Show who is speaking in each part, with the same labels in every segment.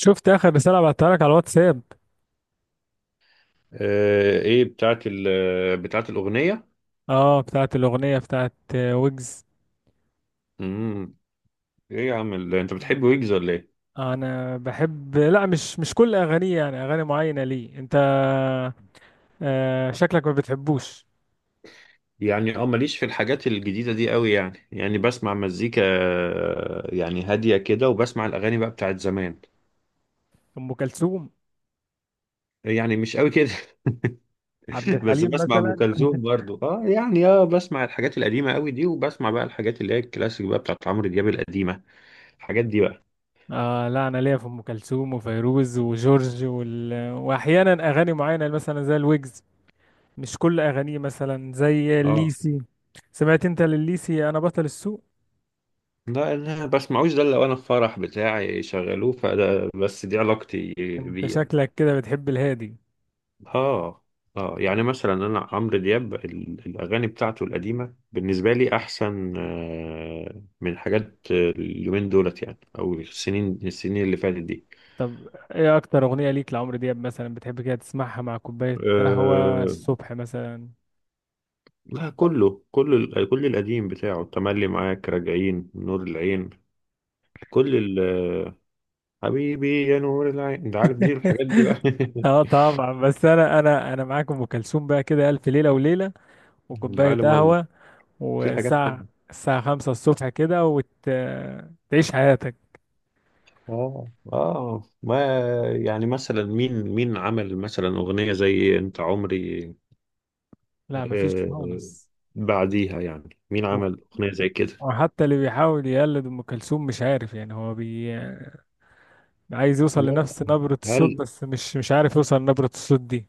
Speaker 1: شفت اخر رساله بعتها لك على الواتساب.
Speaker 2: ايه بتاعت بتاعت الأغنية.
Speaker 1: اه، بتاعت الاغنيه بتاعت ويجز.
Speaker 2: امم ايه يا عم انت بتحب ويجز ولا ايه؟
Speaker 1: انا بحب، لا، مش كل اغانيه، يعني اغاني معينه. ليه انت؟ آه، شكلك ما بتحبوش.
Speaker 2: يعني ماليش في الحاجات الجديدة دي قوي. يعني بسمع مزيكا، يعني هادية كده، وبسمع الأغاني بقى بتاعت زمان.
Speaker 1: ام كلثوم،
Speaker 2: يعني مش قوي كده.
Speaker 1: عبد
Speaker 2: بس
Speaker 1: الحليم
Speaker 2: بسمع أم
Speaker 1: مثلا.
Speaker 2: كلثوم برضو. اه يعني بسمع الحاجات القديمة قوي دي، وبسمع بقى الحاجات اللي هي الكلاسيك بقى بتاعت عمرو دياب القديمة، الحاجات دي بقى.
Speaker 1: آه، لا، انا ليا في ام كلثوم وفيروز وجورج واحيانا اغاني معينه مثلا زي الويجز. مش كل اغانيه، مثلا زي
Speaker 2: اه
Speaker 1: الليسي. سمعت انت لليسي؟ انا بطل السوق.
Speaker 2: لا، انا بسمعوش ده إلا لو انا في فرح بتاعي شغلوه، فده بس دي علاقتي
Speaker 1: انت
Speaker 2: بيه يعني.
Speaker 1: شكلك كده بتحب الهادي.
Speaker 2: اه اه. يعني مثلا انا عمرو دياب الاغاني بتاعته القديمه بالنسبه لي احسن، من حاجات، اليومين دولت يعني، او السنين اللي فاتت دي.
Speaker 1: طب ايه اكتر اغنية ليك لعمرو دياب مثلا بتحب كده تسمعها مع كوباية قهوة
Speaker 2: آه
Speaker 1: الصبح مثلا؟
Speaker 2: لا، كله، كل القديم بتاعه، تملي، معاك، راجعين، نور العين، كل ال آه، حبيبي يا نور العين، انت عارف دي، الحاجات دي بقى.
Speaker 1: اه طبعا. بس انا، انا معاك. ام كلثوم بقى، كده الف ليله وليله وكوبايه
Speaker 2: العالم الله،
Speaker 1: قهوه.
Speaker 2: في حاجات حلوه.
Speaker 1: والساعه خمسة الصبح كده، وتعيش حياتك.
Speaker 2: اه اه. ما يعني مثلا مين عمل مثلا أغنية زي انت عمري؟
Speaker 1: لا مفيش
Speaker 2: آه
Speaker 1: خالص.
Speaker 2: بعديها يعني مين
Speaker 1: و-
Speaker 2: عمل أغنية زي كده؟
Speaker 1: وحتى اللي بيحاول يقلد ام كلثوم مش عارف، يعني هو عايز يوصل
Speaker 2: لا،
Speaker 1: لنفس نبره الصوت،
Speaker 2: هل
Speaker 1: بس مش عارف يوصل لنبره الصوت دي.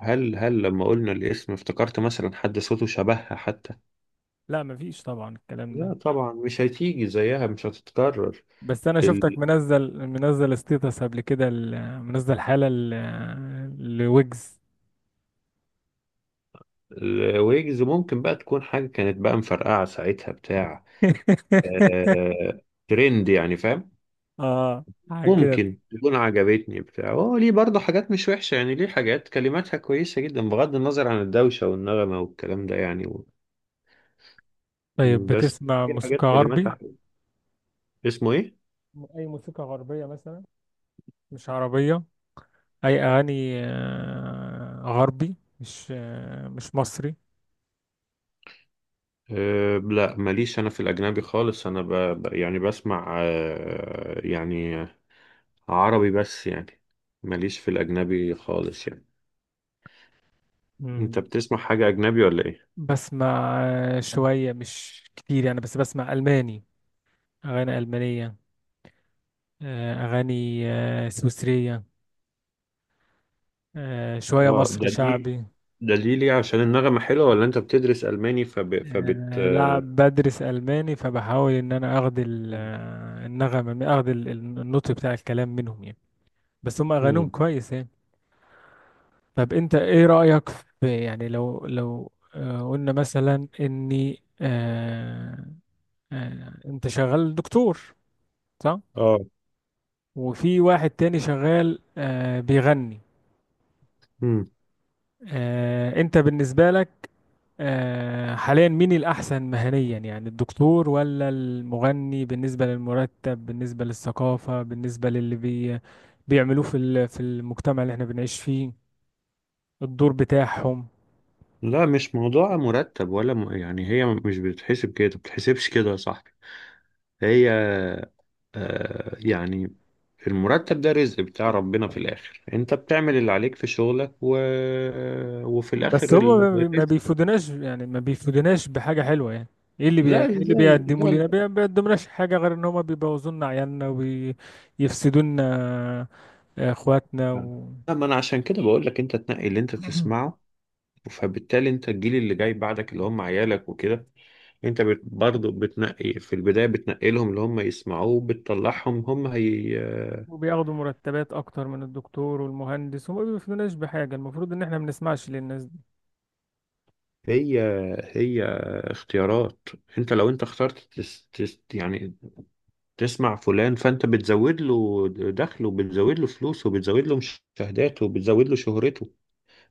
Speaker 2: هل لما قلنا الاسم افتكرت مثلا حد صوته شبهها حتى؟
Speaker 1: لا مفيش طبعا الكلام
Speaker 2: لا
Speaker 1: ده.
Speaker 2: طبعا، مش هتيجي زيها، مش هتتكرر.
Speaker 1: بس انا شفتك
Speaker 2: ال-
Speaker 1: منزل ستيتس قبل كده، منزل حالة لويجز.
Speaker 2: الويجز ممكن بقى تكون حاجة كانت بقى مفرقعة ساعتها بتاع، آه ترند يعني فاهم.
Speaker 1: اه، حاجة كده.
Speaker 2: ممكن تكون عجبتني بتاع، هو ليه برضه حاجات مش وحشة يعني، ليه حاجات كلماتها كويسة جدا بغض النظر عن الدوشة والنغمة والكلام ده يعني و.
Speaker 1: طيب
Speaker 2: بس
Speaker 1: بتسمع
Speaker 2: في حاجات
Speaker 1: موسيقى
Speaker 2: كلماتها
Speaker 1: غربي؟
Speaker 2: حلوة. اسمه ايه؟
Speaker 1: اي موسيقى غربية مثلا، مش عربية. اي اغاني غربي، مش مصري.
Speaker 2: أه لا، ماليش انا في الاجنبي خالص، انا يعني بسمع يعني عربي بس يعني، ماليش في الاجنبي خالص يعني. انت
Speaker 1: مم.
Speaker 2: بتسمع حاجة اجنبي ولا ايه؟
Speaker 1: بسمع شوية، مش كتير يعني، بس بسمع الماني، اغاني المانية. اغاني سويسرية. شوية
Speaker 2: اه،
Speaker 1: مصري
Speaker 2: ده دي،
Speaker 1: شعبي.
Speaker 2: ليه؟ عشان النغمة حلوة، ولا انت بتدرس الماني؟ فب... فبت
Speaker 1: لا
Speaker 2: آه،
Speaker 1: بدرس ألماني، فبحاول إن أنا أخد النغمة أخد النطق بتاع الكلام منهم يعني. بس هم أغانيهم
Speaker 2: مم.
Speaker 1: كويس يعني. طب أنت إيه رأيك في، يعني لو قلنا مثلا إني، أنت شغال دكتور صح؟
Speaker 2: اه
Speaker 1: وفي واحد تاني شغال بيغني. أنت بالنسبة لك حاليا مين الأحسن مهنيا؟ يعني الدكتور ولا المغني؟ بالنسبة للمرتب، بالنسبة للثقافة، بالنسبة للي بيعملوه في في المجتمع اللي احنا بنعيش فيه. الدور بتاعهم.
Speaker 2: لا، مش موضوع مرتب ولا يعني، هي مش بتتحسب كده، بتتحسبش كده يا صاحبي. هي، يعني المرتب ده رزق بتاع ربنا في الآخر، انت بتعمل اللي عليك في شغلك، و. وفي
Speaker 1: بس
Speaker 2: الآخر
Speaker 1: هم ما
Speaker 2: الرزق.
Speaker 1: بيفيدوناش يعني، ما بيفيدوناش بحاجة حلوة يعني. ايه
Speaker 2: لا
Speaker 1: اللي
Speaker 2: ازاي، لا
Speaker 1: بيقدموا لنا؟
Speaker 2: لا.
Speaker 1: ما بيقدمناش حاجة غير ان هم بيبوظوا لنا عيالنا، وبيفسدوا لنا اخواتنا
Speaker 2: لا، ما انا عشان كده بقول لك انت تنقي اللي انت تسمعه، فبالتالي انت الجيل اللي جاي بعدك اللي هم عيالك وكده، انت برضه بتنقي في البداية، بتنقي لهم اللي هم يسمعوه، بتطلعهم هم.
Speaker 1: وبياخدوا مرتبات اكتر من الدكتور والمهندس، وما بيفيدوناش بحاجة. المفروض ان احنا ما بنسمعش للناس دي.
Speaker 2: هي هي اختيارات. انت لو اخترت تس تس يعني تسمع فلان، فانت بتزود له دخله، وبتزود له فلوسه، وبتزود له مشاهداته، وبتزود له شهرته.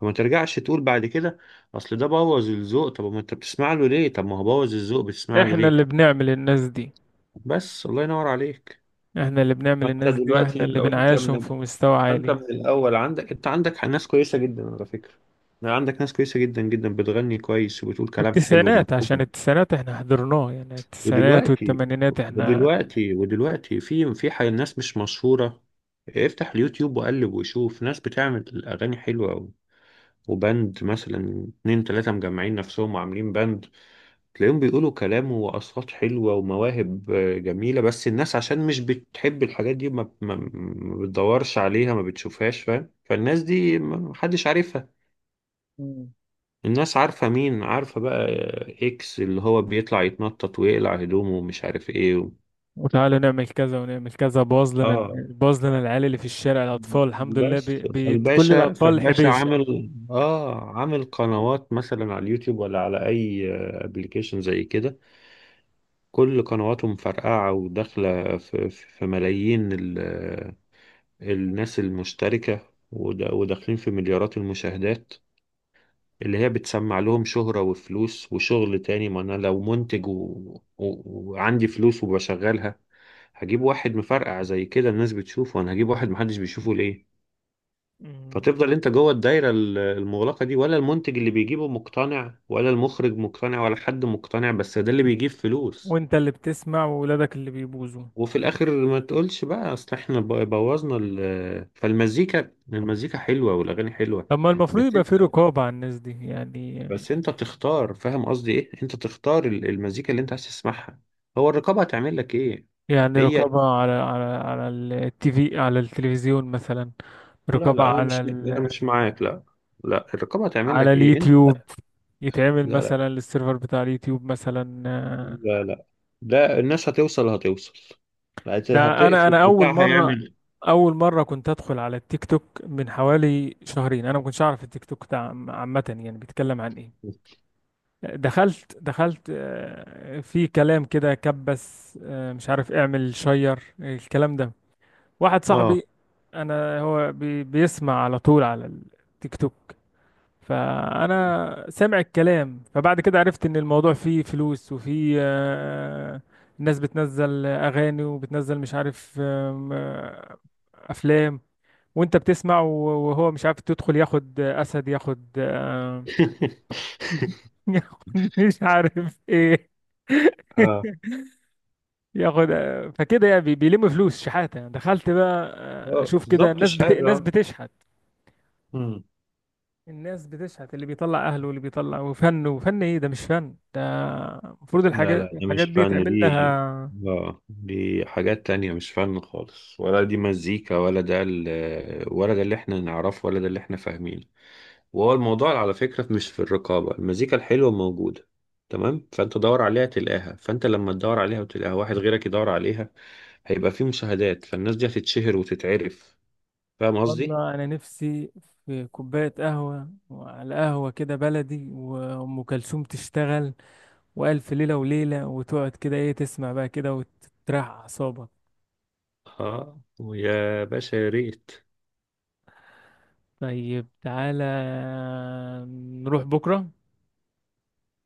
Speaker 2: فما ترجعش تقول بعد كده اصل ده بوظ الذوق. طب ما انت بتسمع له ليه؟ طب ما هو بوظ الذوق، بتسمع له
Speaker 1: احنا
Speaker 2: ليه؟
Speaker 1: اللي بنعمل الناس دي،
Speaker 2: بس الله ينور عليك.
Speaker 1: احنا اللي بنعمل
Speaker 2: فانت
Speaker 1: الناس دي، واحنا
Speaker 2: دلوقتي
Speaker 1: اللي
Speaker 2: لو انت من
Speaker 1: بنعيشهم في
Speaker 2: ال-
Speaker 1: مستوى
Speaker 2: انت
Speaker 1: عالي.
Speaker 2: من الاول عندك ناس كويسة جدا على فكرة، عندك ناس كويسة جدا جدا بتغني كويس وبتقول كلام حلو
Speaker 1: التسعينات، عشان
Speaker 2: ومفهوم.
Speaker 1: التسعينات احنا حضرناه يعني، التسعينات
Speaker 2: ودلوقتي
Speaker 1: والثمانينات احنا.
Speaker 2: ودلوقتي في ناس مش مشهورة. افتح اليوتيوب وقلب وشوف ناس بتعمل أغاني حلوة أوي، وبند مثلا اتنين تلاتة مجمعين نفسهم وعاملين بند، تلاقيهم بيقولوا كلام وأصوات حلوة ومواهب جميلة، بس الناس عشان مش بتحب الحاجات دي ما بتدورش عليها ما بتشوفهاش فاهم. فالناس دي محدش عارفها.
Speaker 1: مم.
Speaker 2: الناس عارفة مين؟ عارفة بقى، إكس اللي هو بيطلع يتنطط ويقلع هدومه ومش عارف إيه و.
Speaker 1: وتعالوا نعمل كذا ونعمل كذا، باظ لنا
Speaker 2: اه
Speaker 1: باظ لنا العيال اللي في الشارع، الاطفال، الحمد لله،
Speaker 2: بس
Speaker 1: كل
Speaker 2: فالباشا
Speaker 1: الاطفال
Speaker 2: فالباشا
Speaker 1: حبيشه.
Speaker 2: عامل قنوات مثلا على اليوتيوب ولا على اي ابلكيشن زي كده. كل قنواته مفرقعه وداخله في ملايين الناس المشتركه، وداخلين في مليارات المشاهدات، اللي هي بتسمع لهم شهره وفلوس وشغل تاني. ما انا لو منتج، و، و، وعندي فلوس وبشغلها، هجيب واحد مفرقع زي كده الناس بتشوفه، انا هجيب واحد محدش بيشوفه ليه؟
Speaker 1: مم.
Speaker 2: فتفضل انت جوه الدايره المغلقه دي. ولا المنتج اللي بيجيبه مقتنع، ولا المخرج مقتنع، ولا حد مقتنع، بس ده اللي بيجيب فلوس.
Speaker 1: وانت اللي بتسمع، وولادك اللي بيبوظوا.
Speaker 2: وفي الاخر ما تقولش بقى اصل احنا بوظنا فالمزيكا، المزيكا حلوه والاغاني حلوه.
Speaker 1: طب ما المفروض
Speaker 2: بس
Speaker 1: يبقى في
Speaker 2: انت
Speaker 1: رقابه على الناس دي يعني.
Speaker 2: بس انت تختار، فاهم قصدي ايه، انت تختار المزيكا اللي انت عايز تسمعها. هو الرقابه هتعمل لك ايه؟
Speaker 1: يعني
Speaker 2: هي،
Speaker 1: رقابة على التي في، على التلفزيون مثلا.
Speaker 2: لا
Speaker 1: رقابة
Speaker 2: لا، انا مش انا مش معاك. لا لا، الرقابه هتعمل
Speaker 1: على
Speaker 2: لك ايه انت؟
Speaker 1: اليوتيوب، يتعمل
Speaker 2: لا لا
Speaker 1: مثلا للسيرفر بتاع اليوتيوب مثلا
Speaker 2: لا لا لا، الناس هتوصل، هتوصل،
Speaker 1: ده انا
Speaker 2: هتقفل
Speaker 1: انا اول
Speaker 2: بتاع
Speaker 1: مرة.
Speaker 2: هيعمل.
Speaker 1: اول مرة كنت ادخل على التيك توك من حوالي شهرين، انا ما كنتش اعرف التيك توك ده عامة يعني بيتكلم عن ايه. دخلت في كلام كده كبس، مش عارف اعمل شير الكلام ده. واحد
Speaker 2: اه.
Speaker 1: صاحبي، انا هو بيسمع على طول على التيك توك. فانا سامع الكلام. فبعد كده عرفت ان الموضوع فيه فلوس، وفيه الناس بتنزل اغاني، وبتنزل مش عارف آم، آه، افلام. وانت بتسمع وهو مش عارف تدخل ياخد اسد، ياخد ياخد مش عارف ايه
Speaker 2: اه،
Speaker 1: ياخد فكده يعني بيلم فلوس شحاته. دخلت بقى اشوف كده،
Speaker 2: بالظبط الشهادة
Speaker 1: الناس
Speaker 2: آه.
Speaker 1: بتشحت.
Speaker 2: مم.
Speaker 1: الناس بتشحت، اللي بيطلع اهله، واللي بيطلع، وفن، وفن ايه ده؟ مش فن ده. المفروض
Speaker 2: لا
Speaker 1: الحاجات
Speaker 2: لا، ده
Speaker 1: الحاجات
Speaker 2: مش
Speaker 1: دي
Speaker 2: فن
Speaker 1: تعمل
Speaker 2: دي.
Speaker 1: لها.
Speaker 2: اه دي حاجات تانية، مش فن خالص، ولا دي مزيكا، ولا ده ولا ده اللي احنا نعرفه، ولا ده اللي احنا فاهمينه. وهو الموضوع على فكرة مش في الرقابة، المزيكا الحلوة موجودة، تمام، فانت دور عليها تلاقيها. فانت لما تدور عليها وتلاقيها، واحد غيرك يدور عليها، هيبقى في مشاهدات، فالناس دي هتتشهر وتتعرف. فاهم قصدي؟
Speaker 1: والله انا نفسي في كوبايه قهوه، وعلى قهوه كده بلدي، وام كلثوم تشتغل، والف ليله وليله، وتقعد كده، ايه تسمع بقى كده وتريح اعصابك.
Speaker 2: اه ويا باشا يا ريت.
Speaker 1: طيب تعالى نروح بكره،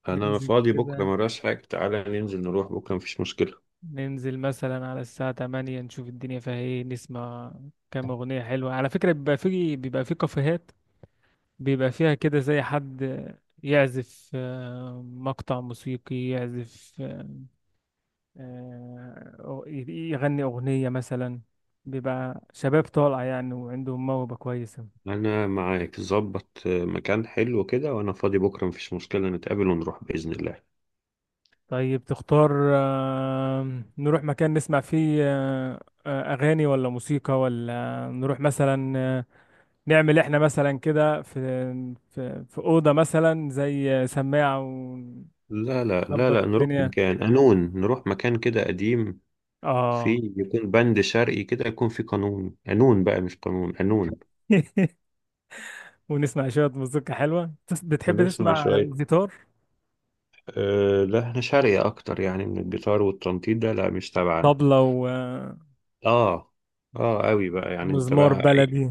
Speaker 2: انا
Speaker 1: ننزل
Speaker 2: فاضي بكرة
Speaker 1: كده،
Speaker 2: مراش حاجة، تعالى ننزل نروح بكرة مفيش مشكلة.
Speaker 1: ننزل مثلا على الساعة 8، نشوف الدنيا فيها ايه، نسمع كام أغنية حلوة. على فكرة بيبقى في كافيهات بيبقى فيها كده زي حد يعزف مقطع موسيقي، يعزف يغني أغنية مثلا. بيبقى شباب طالع يعني وعندهم موهبة كويسة.
Speaker 2: انا معاك، ظبط مكان حلو كده، وانا فاضي بكرة مفيش مشكلة، نتقابل ونروح بإذن الله.
Speaker 1: طيب تختار، نروح مكان نسمع فيه أغاني ولا موسيقى، ولا نروح مثلا نعمل احنا مثلا كده في في اوضه مثلا زي سماعه، ونظبط
Speaker 2: لا لا لا لا، نروح
Speaker 1: الدنيا.
Speaker 2: مكان قانون، نروح مكان كده قديم،
Speaker 1: اه.
Speaker 2: في يكون بند شرعي كده، يكون في قانون قانون بقى مش قانون قانون.
Speaker 1: ونسمع شويه مزيكا حلوه. بتحب
Speaker 2: بنسمع
Speaker 1: تسمع
Speaker 2: شوية.
Speaker 1: جيتار،
Speaker 2: أه لا، احنا شرعي أكتر يعني من الجيتار والتنطيط ده، لا مش تبعنا.
Speaker 1: طبلة،
Speaker 2: اه اه قوي بقى يعني انت
Speaker 1: ومزمار
Speaker 2: بقى
Speaker 1: بلدي؟
Speaker 2: أي.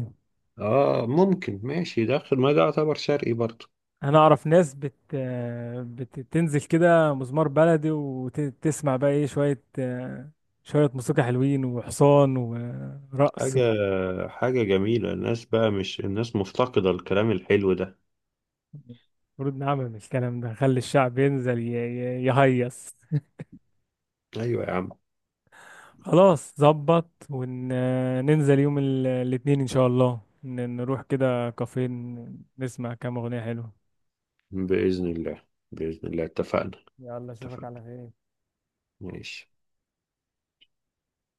Speaker 2: اه ممكن، ماشي داخل ما ده يعتبر شرقي برضه.
Speaker 1: انا اعرف ناس بتنزل كده مزمار بلدي، وتسمع بقى ايه، شويه شويه موسيقى حلوين، وحصان ورقص.
Speaker 2: حاجة حاجة جميلة، الناس بقى مش الناس مفتقدة الكلام الحلو ده.
Speaker 1: المفروض نعمل الكلام ده، نخلي الشعب ينزل يهيص.
Speaker 2: أيوة يا عم.
Speaker 1: خلاص، ظبط، وننزل يوم الاثنين ان شاء الله، نروح كده كافيه، نسمع كام اغنية حلوة.
Speaker 2: بإذن الله، بإذن الله اتفقنا.
Speaker 1: يلا اشوفك
Speaker 2: اتفقنا،
Speaker 1: على خير.
Speaker 2: ماشي.